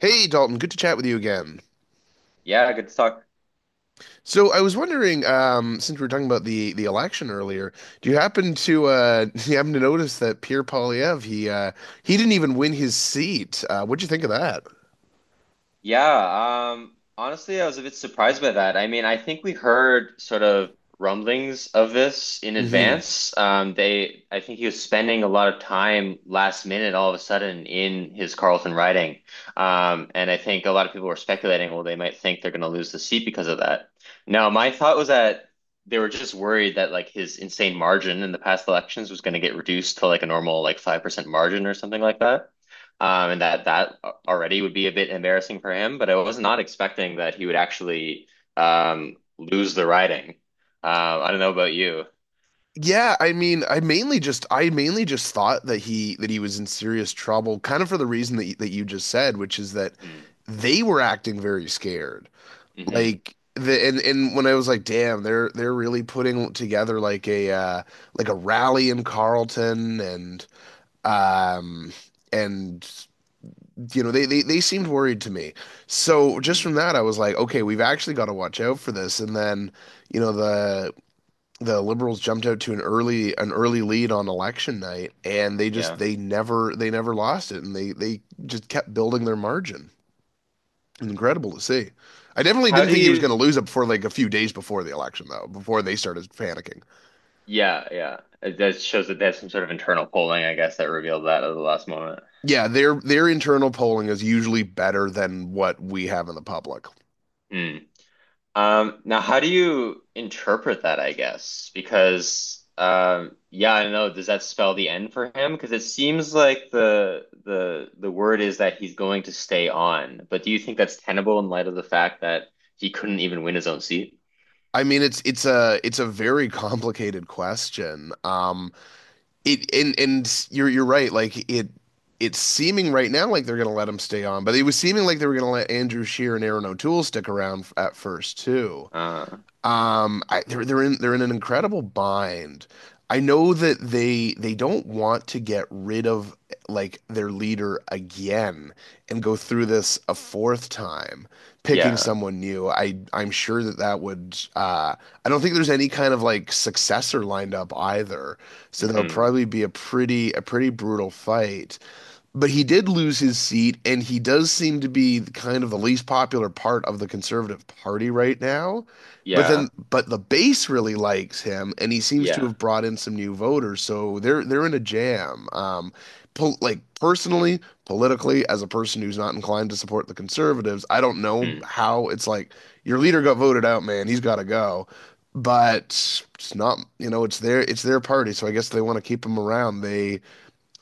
Hey Dalton, good to chat with you again. Yeah, good to talk. So I was wondering, since we were talking about the election earlier, do you happen to do you happen to notice that Pierre Poilievre he didn't even win his seat? What'd you think of that? Yeah, Honestly, I was a bit surprised by that. I think we heard sort of rumblings of this in Hmm. advance. I think he was spending a lot of time last minute, all of a sudden, in his Carlton riding. And I think a lot of people were speculating, well, they might think they're going to lose the seat because of that. Now, my thought was that they were just worried that like his insane margin in the past elections was going to get reduced to like a normal like 5% margin or something like that. And that already would be a bit embarrassing for him, but I was not expecting that he would actually lose the riding. Uh, I don't know about you. Yeah, I mean, I mainly just thought that he was in serious trouble, kind of for the reason that you just said, which is that Mm, they were acting very scared. hmm Like the and when I was like, damn, they're really putting together like a rally in Carlton and um and you know they seemed worried to me. So just hmm from that I was like, okay, we've actually got to watch out for this. And then, you know, the Liberals jumped out to an early lead on election night, and they just Yeah. they never lost it, and they just kept building their margin. Incredible to see. I definitely How didn't do think he was going you? to lose it before like a few days before the election, though, before they started panicking. Yeah, yeah. That shows that there's some sort of internal polling, I guess, that revealed that at the last moment. Yeah, their internal polling is usually better than what we have in the public. Hmm. Now how do you interpret that, I guess? Because yeah, I don't know, does that spell the end for him? Because it seems like the word is that he's going to stay on. But do you think that's tenable in light of the fact that he couldn't even win his own seat? I mean, it's a very complicated question. It and You're right. Like it's seeming right now like they're going to let him stay on, but it was seeming like they were going to let Andrew Shear and Aaron O'Toole stick around at first too. Uh I, they're in an incredible bind. I know that they don't want to get rid of like their leader again and go through this a fourth time, picking yeah. someone new. I'm sure that that would I don't think there's any kind of like successor lined up either. So that'll hmm probably be a pretty brutal fight. But he did lose his seat, and he does seem to be kind of the least popular part of the Conservative Party right now. But Yeah. The base really likes him, and he seems to Yeah. have brought in some new voters. So they're in a jam. Pol like Personally, politically, as a person who's not inclined to support the Conservatives, I don't know hmm how it's like your leader got voted out, man. He's got to go. But it's not, you know, it's their party, so I guess they want to keep him around. They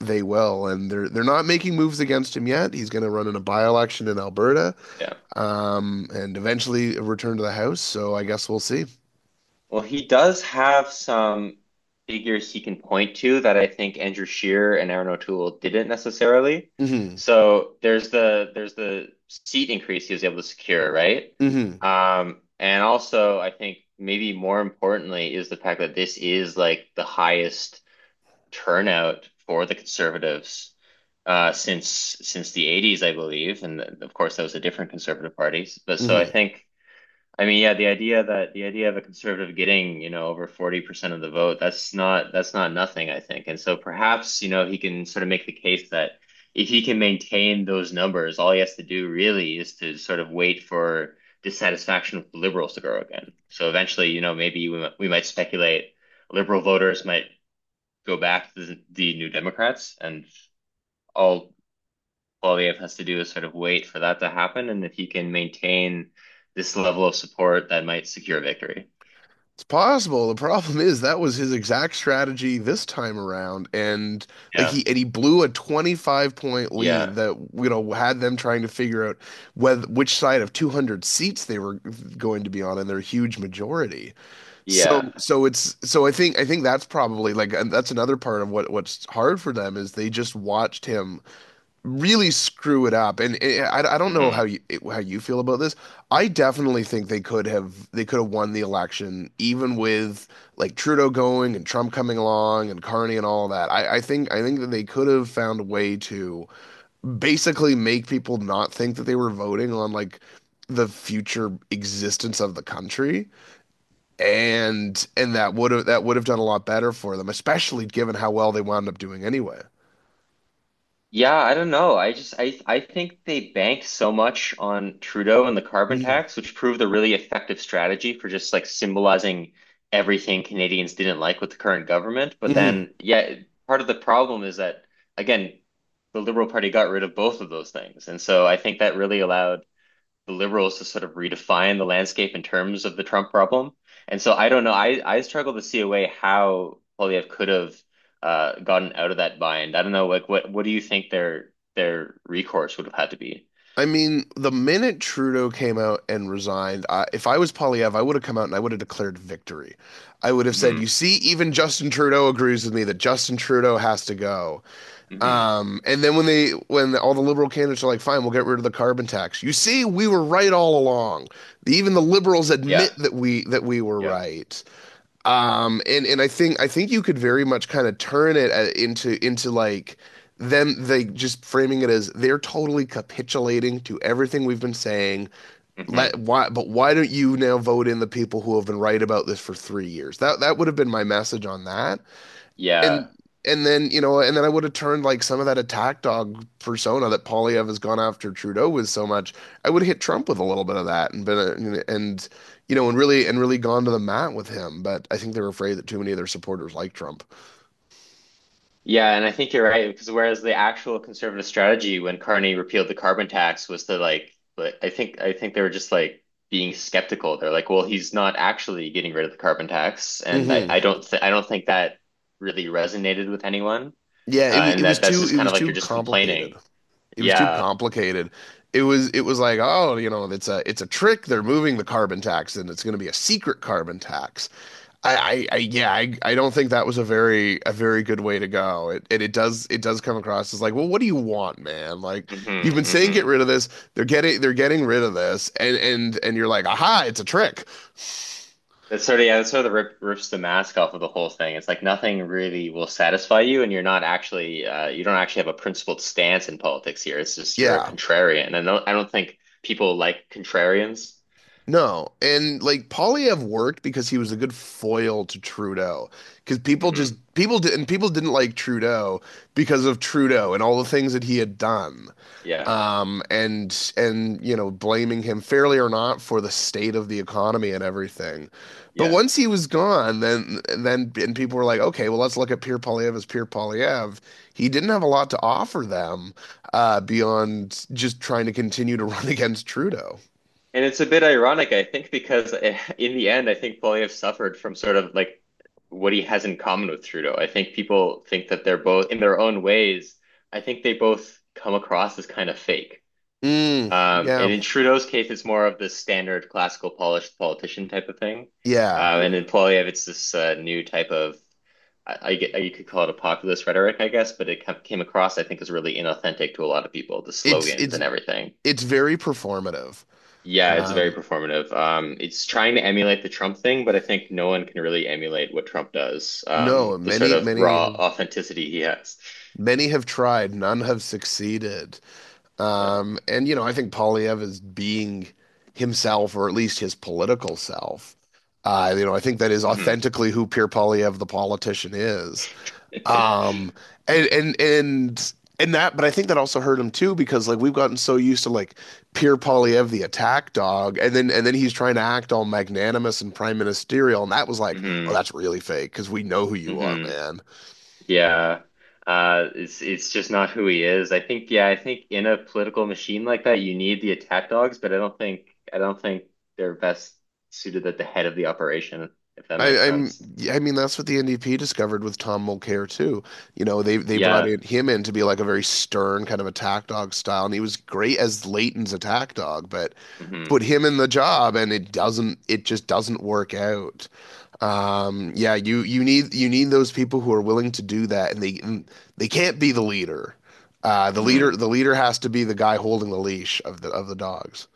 they will, and they're not making moves against him yet. He's going to run in a by-election in Alberta, Yeah. And eventually return to the House. So I guess we'll see. Well, he does have some figures he can point to that I think Andrew Shearer and Aaron O'Toole didn't necessarily. Hmm. So there's the seat increase he was able to secure, right? Hmm. And also I think maybe more importantly is the fact that this is like the highest turnout for the conservatives uh, since since the 80s, I believe. And of course that was a different conservative party. But so I Hmm. think. I mean, yeah, the idea of a conservative getting, you know, over 40% of the vote, that's not nothing, I think. And so perhaps, you know, he can sort of make the case that if he can maintain those numbers, all he has to do really is to sort of wait for dissatisfaction with the liberals to grow again. So eventually, you know, maybe we might speculate liberal voters might go back to the New Democrats, and all Poilievre has to do is sort of wait for that to happen. And if he can maintain this level of support, that might secure victory. It's possible. The problem is that was his exact strategy this time around, and like Yeah. He blew a 25 point Yeah. lead that you know had them trying to figure out whether which side of 200 seats they were going to be on in their huge majority. Yeah. So I think that's probably like, and that's another part of what what's hard for them is they just watched him really screw it up. And I don't know hmm how you how you feel about this. I definitely think they could have won the election even with like Trudeau going and Trump coming along and Carney and all that. I think that they could have found a way to basically make people not think that they were voting on like the future existence of the country, and that would have done a lot better for them, especially given how well they wound up doing anyway. Yeah, I don't know. I just I think they bank so much on Trudeau and the carbon Hmm. tax, which proved a really effective strategy for just like symbolizing everything Canadians didn't like with the current government. But Hmm. then, yeah, part of the problem is that again, the Liberal Party got rid of both of those things. And so I think that really allowed the liberals to sort of redefine the landscape in terms of the Trump problem. And so I don't know. I struggle to see a way how Polyev could have gotten out of that bind. I don't know. Like, what do you think their recourse would have had to be? I mean, the minute Trudeau came out and resigned, if I was Polyev, I would have come out and I would have declared victory. I would have said, "You Hmm see, even Justin Trudeau agrees with me that Justin Trudeau has to go." hmm And then when all the liberal candidates are like, "Fine, we'll get rid of the carbon tax," you see, we were right all along. Even the liberals Yeah. admit that we were Yeah. right. And I think you could very much kind of turn it into like them they just framing it as they're totally capitulating to everything we've been saying. hmm Let why but Why don't you now vote in the people who have been right about this for 3 years? That would have been my message on that. Yeah. And and then you know, and then I would have turned like some of that attack dog persona that Polyev has gone after Trudeau with so much. I would have hit Trump with a little bit of that and been a, and you know, and really gone to the mat with him. But I think they are afraid that too many of their supporters like Trump. Yeah, and I think you're right because whereas the actual conservative strategy when Carney repealed the carbon tax was to like I think they were just like being skeptical. They're like, well, he's not actually getting rid of the carbon tax, and I, Hmm. I don't th I don't think that really resonated with anyone, Yeah, it, wa- it and was that that's too just it kind was of like you're too just complicated. complaining. It was too Yeah. complicated. It was like, oh, you know, it's a trick, they're moving the carbon tax and it's going to be a secret carbon tax. I don't think that was a very good way to go. It does come across as like, well, what do you want, man? Like you've hmm been saying get hmm rid of this. They're getting rid of this, and you're like, aha, it's a trick. That's sort of yeah, that sort of the rips the mask off of the whole thing. It's like nothing really will satisfy you, and you're not actually you don't actually have a principled stance in politics here. It's just you're a Yeah, contrarian, and I don't think people like contrarians. no, and like Polyev worked because he was a good foil to Trudeau, because people just Hmm people did and people didn't like Trudeau because of Trudeau and all the things that he had done. Yeah, And you know, blaming him fairly or not for the state of the economy and everything. But yeah, once he was gone, then and people were like, okay, well let's look at Pierre Polyev as Pierre Polyev. He didn't have a lot to offer them beyond just trying to continue to run against Trudeau. and it's a bit ironic, I think, because in the end, I think Poilievre suffered from sort of like what he has in common with Trudeau. I think people think that they're both in their own ways. I think they both come across as kind of fake. Mm, And yeah, in Trudeau's case, it's more of the standard classical polished politician type of thing. yeah. And in Poilievre, it's this new type of, you could call it a populist rhetoric, I guess, but it came across, I think, as really inauthentic to a lot of people, the It's slogans it's and everything. it's very performative. Yeah, it's very Um, performative. It's trying to emulate the Trump thing, but I think no one can really emulate what Trump does, no, the sort many of many have raw authenticity he has. many have tried, none have succeeded. Yeah. And you know, I think Polyev is being himself, or at least his political self. You know, I think that is hmm authentically who Pierre Polyev, the politician, is. Um, and and and but I think that also hurt him too, because like we've gotten so used to like Pierre Polyev, the attack dog, and then he's trying to act all magnanimous and prime ministerial, and that was like, oh, hmm that's really fake because we know who you are, hmm man. Yeah. It's it's just not who he is. I think, yeah, I think in a political machine like that, you need the attack dogs, but I don't think they're best suited at the head of the operation, if that makes sense. Yeah, I mean, that's what the NDP discovered with Tom Mulcair too. You know, they brought Yeah. in him in to be like a very stern kind of attack dog style, and he was great as Leighton's attack dog, but hmm put him in the job, and it just doesn't work out. Yeah, you need those people who are willing to do that, and they can't be the leader. Uh, the leader hmm the leader has to be the guy holding the leash of the dogs.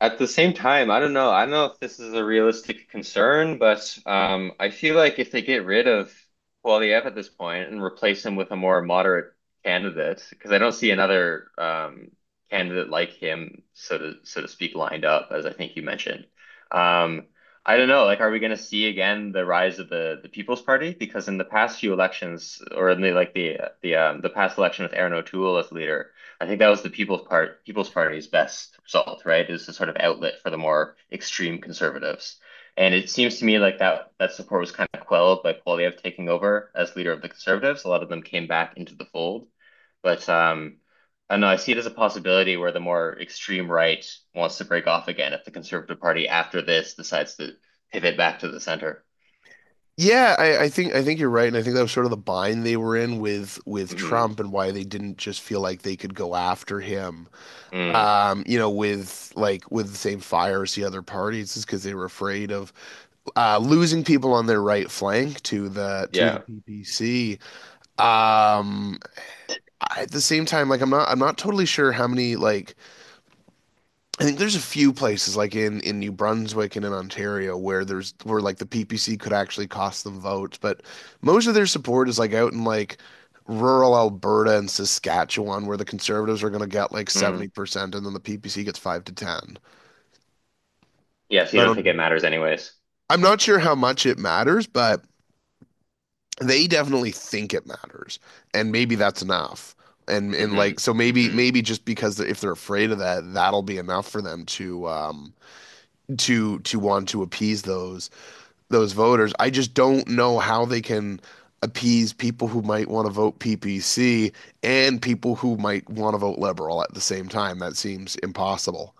At the same time, I don't know. I don't know if this is a realistic concern, but I feel like if they get rid of Poilievre at this point and replace him with a more moderate candidate, because I don't see another candidate like him, so to speak, lined up, as I think you mentioned. Um, I don't know. Like, are we going to see again the rise of the People's Party? Because in the past few elections, or in the like the past election with Aaron O'Toole as leader. I think that was the People's Party's best result, right? Is the sort of outlet for the more extreme conservatives. And it seems to me like that that support was kind of quelled by Poilievre taking over as leader of the conservatives. A lot of them came back into the fold. But I don't know, I see it as a possibility where the more extreme right wants to break off again if the Conservative Party after this decides to pivot back to the center. Yeah, I think you're right, and I think that was sort of the bind they were in with Hmm Trump, and why they didn't just feel like they could go after him. Mm, You know, with like with the same fire as the other parties, is because they were afraid of losing people on their right flank to the yeah. PPC. Um, at the same time, like I'm not totally sure how many like I think there's a few places like in New Brunswick and in Ontario where there's where like the PPC could actually cost them votes, but most of their support is like out in like rural Alberta and Saskatchewan, where the Conservatives are going to get like Mm. 70% and then the PPC gets 5 to 10. Yeah, so you I don't don't think it know. matters anyways. I'm not sure how much it matters, but they definitely think it matters. And maybe that's enough. And Hmm like so hmm maybe just because they're, if they're afraid of that, that'll be enough for them to to want to appease those voters. I just don't know how they can appease people who might want to vote PPC and people who might want to vote liberal at the same time. That seems impossible.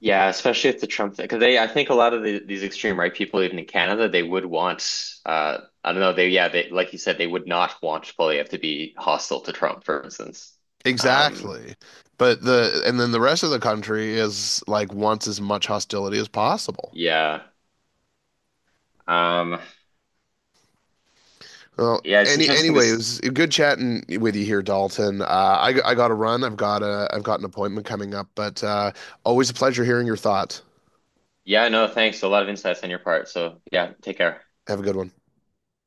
Yeah, especially if the Trump thing, because I think a lot of these extreme right people, even in Canada, they would want, I don't know, they, yeah, they, like you said, they would not want Poilievre to be hostile to Trump, for instance. Um, Exactly. But then the rest of the country is like wants as much hostility as possible. yeah, um, Well, yeah, it's interesting. anyway, it was good chatting with you here, Dalton. I got to run. I've got an appointment coming up, but always a pleasure hearing your thoughts. Yeah, no, thanks. A lot of insights on your part. So, yeah, take care. Have a good one.